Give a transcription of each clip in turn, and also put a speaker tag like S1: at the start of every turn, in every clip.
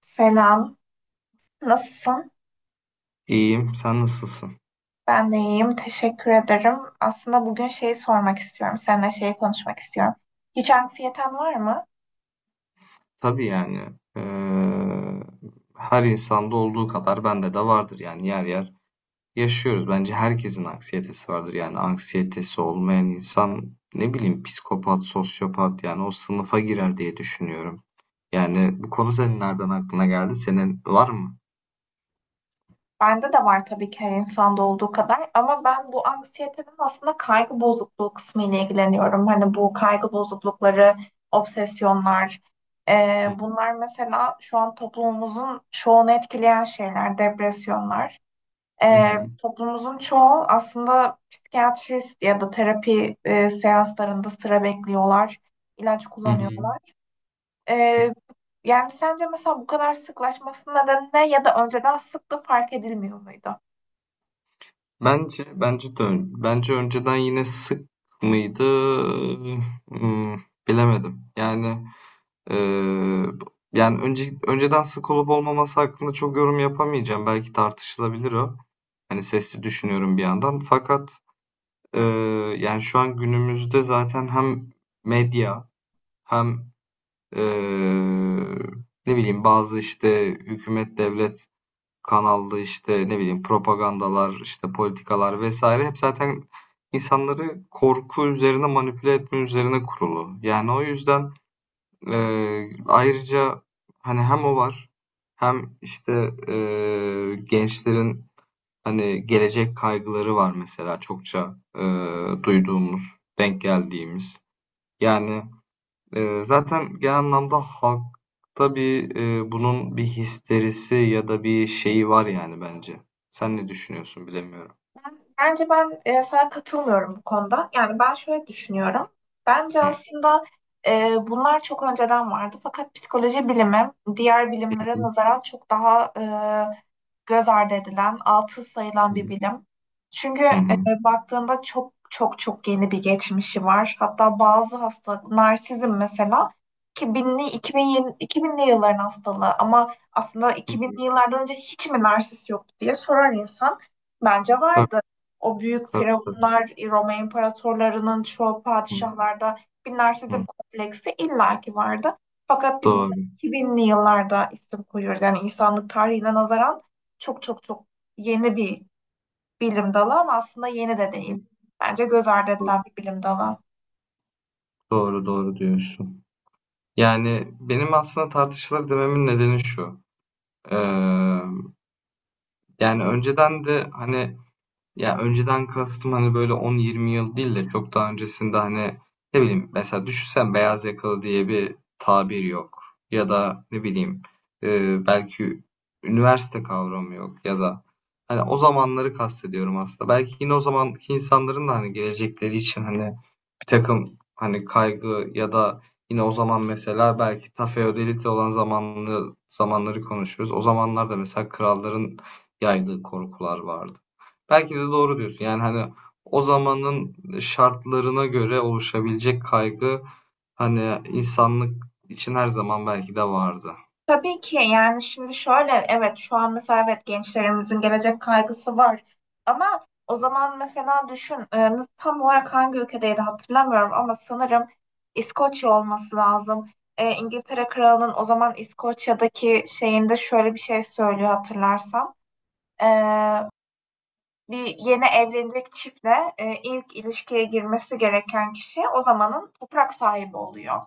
S1: Selam. Nasılsın?
S2: İyiyim, sen nasılsın?
S1: Ben de iyiyim. Teşekkür ederim. Aslında bugün şeyi sormak istiyorum. Seninle şeyi konuşmak istiyorum. Hiç anksiyeten var mı?
S2: Tabii yani eee, her insanda olduğu kadar bende de vardır yani yer yer yaşıyoruz. Bence herkesin anksiyetesi vardır yani anksiyetesi olmayan insan ne bileyim psikopat, sosyopat yani o sınıfa girer diye düşünüyorum. Yani bu konu senin nereden aklına geldi? Senin var mı?
S1: Bende de var tabii ki her insanda olduğu kadar. Ama ben bu anksiyetenin aslında kaygı bozukluğu kısmı ile ilgileniyorum. Hani bu kaygı bozuklukları, obsesyonlar.
S2: Hı
S1: Bunlar mesela şu an toplumumuzun çoğunu etkileyen şeyler, depresyonlar.
S2: hı hı.
S1: Toplumumuzun çoğu aslında psikiyatrist ya da terapi seanslarında sıra bekliyorlar, ilaç
S2: Hı
S1: kullanıyorlar.
S2: hı.
S1: E, Yani sence mesela bu kadar sıklaşmasının nedeni ne ya da önceden sıklığı fark edilmiyor muydu?
S2: Bence de ön- bence önceden yine sık mıydı? Hmm, bilemedim. Eee, Yani önceden sık olup olmaması hakkında çok yorum yapamayacağım. Belki tartışılabilir o. Hani sesli düşünüyorum bir yandan. Fakat eee, yani şu an günümüzde zaten hem medya hem eee, ne bileyim bazı işte hükümet devlet kanallı işte ne bileyim propagandalar işte politikalar vesaire hep zaten insanları korku üzerine manipüle etme üzerine kurulu. Yani o yüzden ayrıca hani hem o var hem işte, gençlerin, hani, gelecek kaygıları var mesela çokça, duyduğumuz, denk geldiğimiz. Yani, zaten genel anlamda halkta bir, bunun bir histerisi ya da bir şeyi var yani bence. Sen ne düşünüyorsun bilemiyorum.
S1: Bence sana katılmıyorum bu konuda. Yani ben şöyle düşünüyorum. Bence
S2: Hı
S1: aslında bunlar çok önceden vardı. Fakat psikoloji bilimi diğer bilimlere
S2: hı.
S1: nazaran çok daha göz ardı edilen, altı sayılan bir bilim. Çünkü
S2: Hı
S1: e,
S2: hı.
S1: baktığında çok çok çok yeni bir geçmişi var. Hatta bazı hastalık, narsizm mesela 2000'li 2000, 2000'li yılların hastalığı ama aslında
S2: Hı hı. Hı.
S1: 2000'li yıllardan önce hiç mi narsist yoktu diye sorar insan. Bence
S2: Tabii,
S1: vardı. O büyük
S2: tabii, tabii.
S1: firavunlar, Roma imparatorlarının çoğu
S2: Hı
S1: padişahlarda bir narsizm
S2: hı.
S1: kompleksi illaki vardı. Fakat biz buna
S2: Doğru.
S1: 2000'li yıllarda isim koyuyoruz. Yani insanlık tarihine nazaran çok çok çok yeni bir bilim dalı ama aslında yeni de
S2: Hı
S1: değil.
S2: hı.
S1: Bence göz ardı
S2: Doğru.
S1: edilen bir bilim dalı.
S2: Doğru, doğru diyorsun. Yani, benim aslında tartışılır dememin nedeni şu: Emm, yani, önceden de, hani, ya önceden kastım hani böyle 10-20 yıl değil de çok daha öncesinde hani ne bileyim mesela düşünsen beyaz yakalı diye bir tabir yok. Ya da ne bileyim e, belki üniversite kavramı yok ya da hani o zamanları kastediyorum aslında. Belki yine o zamanki insanların da hani gelecekleri için hani bir takım hani kaygı ya da yine o zaman mesela belki ta feodalite olan zamanları konuşuyoruz. O zamanlarda mesela kralların yaydığı korkular vardı. Belki de doğru diyorsun. Yani hani o zamanın şartlarına göre oluşabilecek kaygı hani insanlık için her zaman belki de vardı.
S1: Tabii ki yani şimdi şöyle, evet, şu an mesela, evet, gençlerimizin gelecek kaygısı var ama o zaman mesela düşün tam olarak hangi ülkedeydi hatırlamıyorum ama sanırım İskoçya olması lazım. İngiltere Kralı'nın o zaman İskoçya'daki şeyinde şöyle bir şey söylüyor hatırlarsam. E, Bir yeni evlenecek çiftle ilk ilişkiye girmesi gereken kişi o zamanın toprak sahibi oluyor.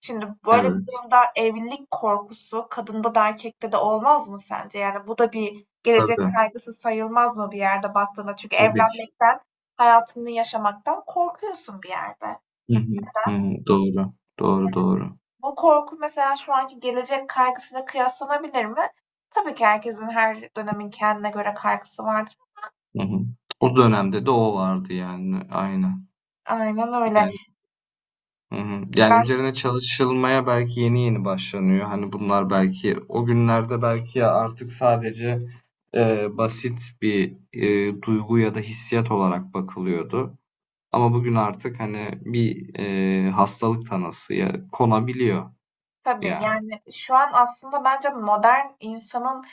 S1: Şimdi böyle bir
S2: Evet.
S1: durumda evlilik korkusu kadında da erkekte de olmaz mı sence? Yani bu da bir gelecek
S2: Tabii.
S1: kaygısı sayılmaz mı bir yerde baktığında? Çünkü
S2: Tabii ki.
S1: evlenmekten, hayatını yaşamaktan korkuyorsun bir yerde.
S2: Hı hı. Hı hı. Doğru. Doğru doğru.
S1: Bu korku mesela şu anki gelecek kaygısıyla kıyaslanabilir mi? Tabii ki herkesin her dönemin kendine göre kaygısı vardır.
S2: Hı hı. O dönemde de o vardı yani. Aynen.
S1: Aynen öyle.
S2: Yani Hı hı. Yani
S1: Ben
S2: üzerine çalışılmaya belki yeni yeni başlanıyor. Hani bunlar belki o günlerde belki artık sadece e, basit bir e, duygu ya da hissiyat olarak bakılıyordu. Ama bugün artık hani bir e, hastalık tanısı ya konabiliyor
S1: Tabii,
S2: yani.
S1: yani, şu an aslında bence modern insanın,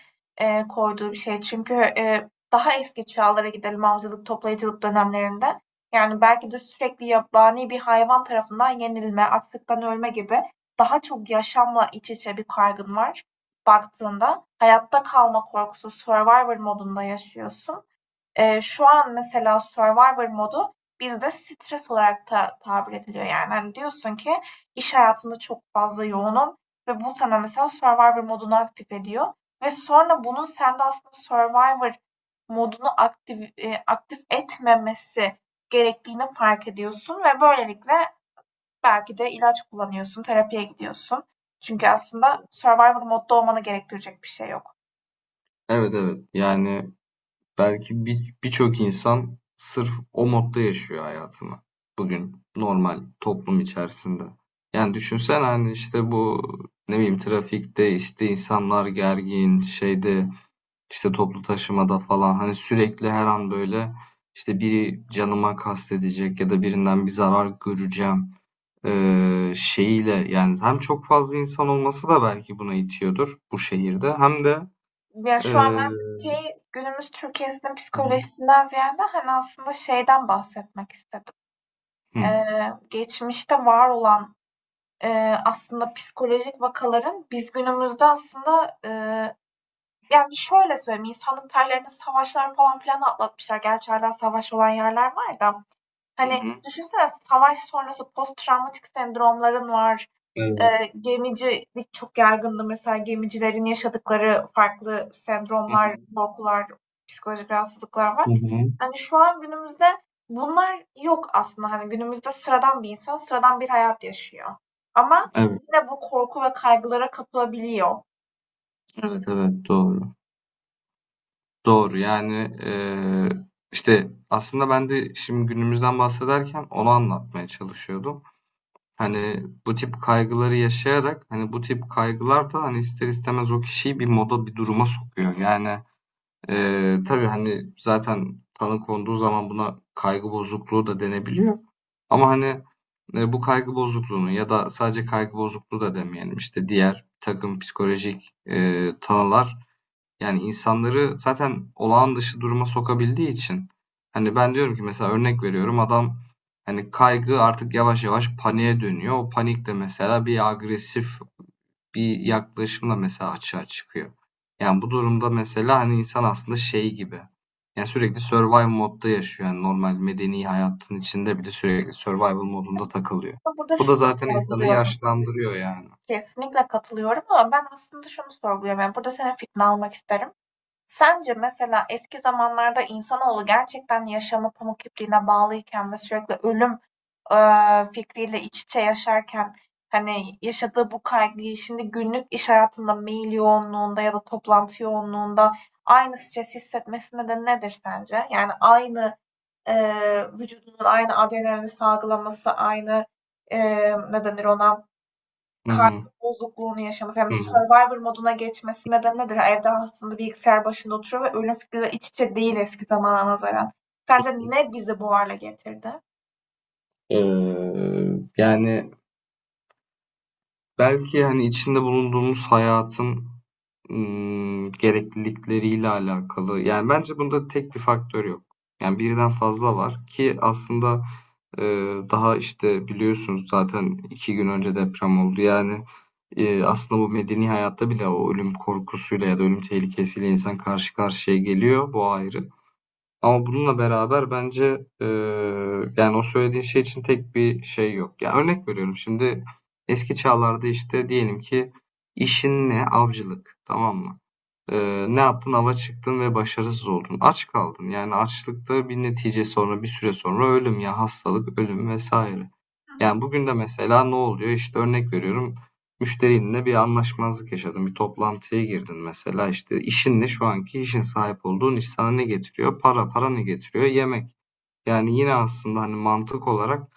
S1: eee, koyduğu bir şey. Çünkü, daha eski çağlara gidelim avcılık, toplayıcılık dönemlerinde. Yani, belki de sürekli yabani bir hayvan tarafından yenilme, açlıktan ölme gibi daha çok yaşamla iç içe bir kaygın var baktığında. Hayatta kalma korkusu, survivor modunda yaşıyorsun. Şu an mesela Survivor modu bizde stres olarak da tabir ediliyor yani. Hani diyorsun ki iş hayatında çok fazla yoğunum ve bu sana mesela Survivor modunu aktif ediyor ve sonra bunun sende aslında Survivor modunu aktif etmemesi gerektiğini fark ediyorsun ve böylelikle belki de ilaç kullanıyorsun, terapiye gidiyorsun. Çünkü aslında Survivor modda olmanı gerektirecek bir şey yok.
S2: Evet evet. Yani Belki birçok insan sırf o modda yaşıyor hayatını bugün normal toplum içerisinde. Yani düşünsen hani işte bu ne bileyim trafikte işte insanlar gergin şeyde işte toplu taşımada falan hani sürekli her an böyle işte biri canıma kastedecek ya da birinden bir zarar göreceğim şeyiyle yani hem çok fazla insan olması da belki buna itiyordur bu şehirde hem de
S1: Ya şu an ben
S2: eee,
S1: şey, günümüz Türkiye'sinin
S2: hı
S1: psikolojisinden ziyade hani aslında şeyden bahsetmek istedim.
S2: hı.
S1: Ee, Geçmişte var olan e, aslında psikolojik vakaların biz günümüzde aslında yani şöyle söyleyeyim, insanlık tarihlerinde savaşlar falan filan atlatmışlar. Gerçi hala savaş olan yerler var da. Hani
S2: Hı.
S1: düşünsene savaş sonrası post travmatik sendromların var.
S2: Evet.
S1: Gemicilik çok yaygındı. Mesela gemicilerin yaşadıkları farklı sendromlar, korkular, psikolojik rahatsızlıklar
S2: Hı
S1: var.
S2: hı.
S1: Hani şu an günümüzde bunlar yok aslında. Hani günümüzde sıradan bir insan sıradan bir hayat yaşıyor. Ama
S2: Evet,
S1: yine bu korku ve kaygılara kapılabiliyor.
S2: evet, evet. Doğru. Doğru. Yani, işte, aslında ben de şimdi günümüzden bahsederken onu anlatmaya çalışıyordum. Hani, bu tip kaygıları yaşayarak, hani, bu tip kaygılar da, hani, ister istemez o kişiyi bir moda, bir duruma sokuyor. Yani, tabii, hani, zaten tanı konduğu zaman buna kaygı bozukluğu da denebiliyor ama, hani, bu kaygı bozukluğunu ya da sadece kaygı bozukluğu da demeyelim, işte, diğer bir takım psikolojik, tanılar. Yani insanları zaten olağan dışı duruma sokabildiği için hani ben diyorum ki mesela örnek veriyorum adam hani kaygı artık yavaş yavaş paniğe dönüyor. O panik de mesela bir agresif bir yaklaşımla mesela açığa çıkıyor. Yani bu durumda mesela hani insan aslında şey gibi. Yani sürekli survival modda yaşıyor. Yani normal medeni hayatın içinde bile sürekli survival modunda takılıyor.
S1: Ben burada
S2: Bu da
S1: şunu
S2: zaten insanı
S1: sorguluyorum.
S2: yaşlandırıyor yani.
S1: Kesinlikle katılıyorum ama ben aslında şunu sorguluyorum. Yani burada senin fikrini almak isterim. Sence mesela eski zamanlarda insanoğlu gerçekten yaşamı pamuk ipliğine bağlıyken ve sürekli ölüm fikriyle iç içe yaşarken hani yaşadığı bu kaygıyı şimdi günlük iş hayatında mail yoğunluğunda ya da toplantı yoğunluğunda aynı stres hissetmesine de nedir sence? Yani aynı vücudunun aynı adrenalini salgılaması, aynı ne denir ona?
S2: Hı
S1: Kaygı
S2: hı.
S1: bozukluğunu yaşaması, yani
S2: Hı hı.
S1: Survivor moduna geçmesi nedeni nedir? Yani evde aslında bilgisayar başında oturuyor ve ölüm fikriyle iç içe değil eski zamana nazaran. Sence ne bizi bu hale getirdi?
S2: Ee, yani belki, hani, içinde bulunduğumuz hayatın, gereklilikleriyle alakalı. Yani, bence bunda tek bir faktör yok. Yani, birden fazla var ki aslında, daha, işte, biliyorsunuz zaten 2 gün önce deprem oldu. Yani, aslında bu medeni hayatta bile o ölüm korkusuyla ya da ölüm tehlikesiyle insan karşı karşıya geliyor. Bu ayrı. Ama bununla beraber bence e, yani o söylediğin şey için tek bir şey yok. Ya örnek veriyorum şimdi eski çağlarda işte diyelim ki işin ne? Avcılık. Tamam mı? Ne yaptın? Ava çıktın ve başarısız oldun. Aç kaldın. Yani açlıkta bir netice sonra bir süre sonra ölüm ya hastalık, ölüm vesaire.
S1: Hı hı.
S2: Yani bugün de mesela ne oluyor? İşte örnek veriyorum. Müşterinle bir anlaşmazlık yaşadın. Bir toplantıya girdin mesela. İşte şu anki işin sahip olduğun iş sana ne getiriyor? Para. Para ne getiriyor? Yemek. Yani yine aslında hani mantık olarak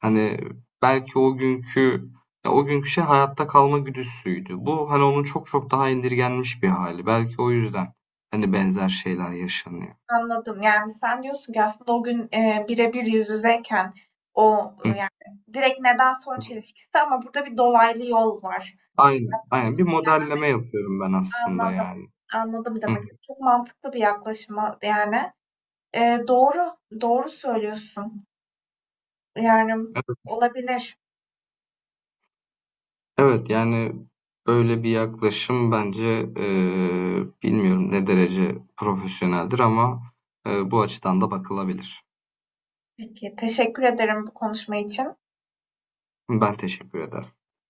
S2: hani belki o günkü şey hayatta kalma güdüsüydü. Bu hani onun çok çok daha indirgenmiş bir hali. Belki o yüzden hani benzer şeyler yaşanıyor.
S1: Anladım. Yani sen diyorsun ki aslında o gün birebir yüz yüzeyken
S2: Hı
S1: yani direkt neden sonuç
S2: hı.
S1: ilişkisi ama burada bir dolaylı yol var
S2: Aynen,
S1: aslında.
S2: aynen. Bir modelleme yapıyorum ben aslında
S1: Anladım.
S2: yani.
S1: Anladım
S2: Hı
S1: demek.
S2: hı.
S1: Çok mantıklı bir yaklaşım yani. Doğru. Doğru söylüyorsun. Yani
S2: Evet.
S1: olabilir.
S2: Evet yani böyle bir yaklaşım bence bilmiyorum ne derece profesyoneldir ama bu açıdan da bakılabilir.
S1: Peki, teşekkür ederim bu konuşma için.
S2: Ben teşekkür ederim.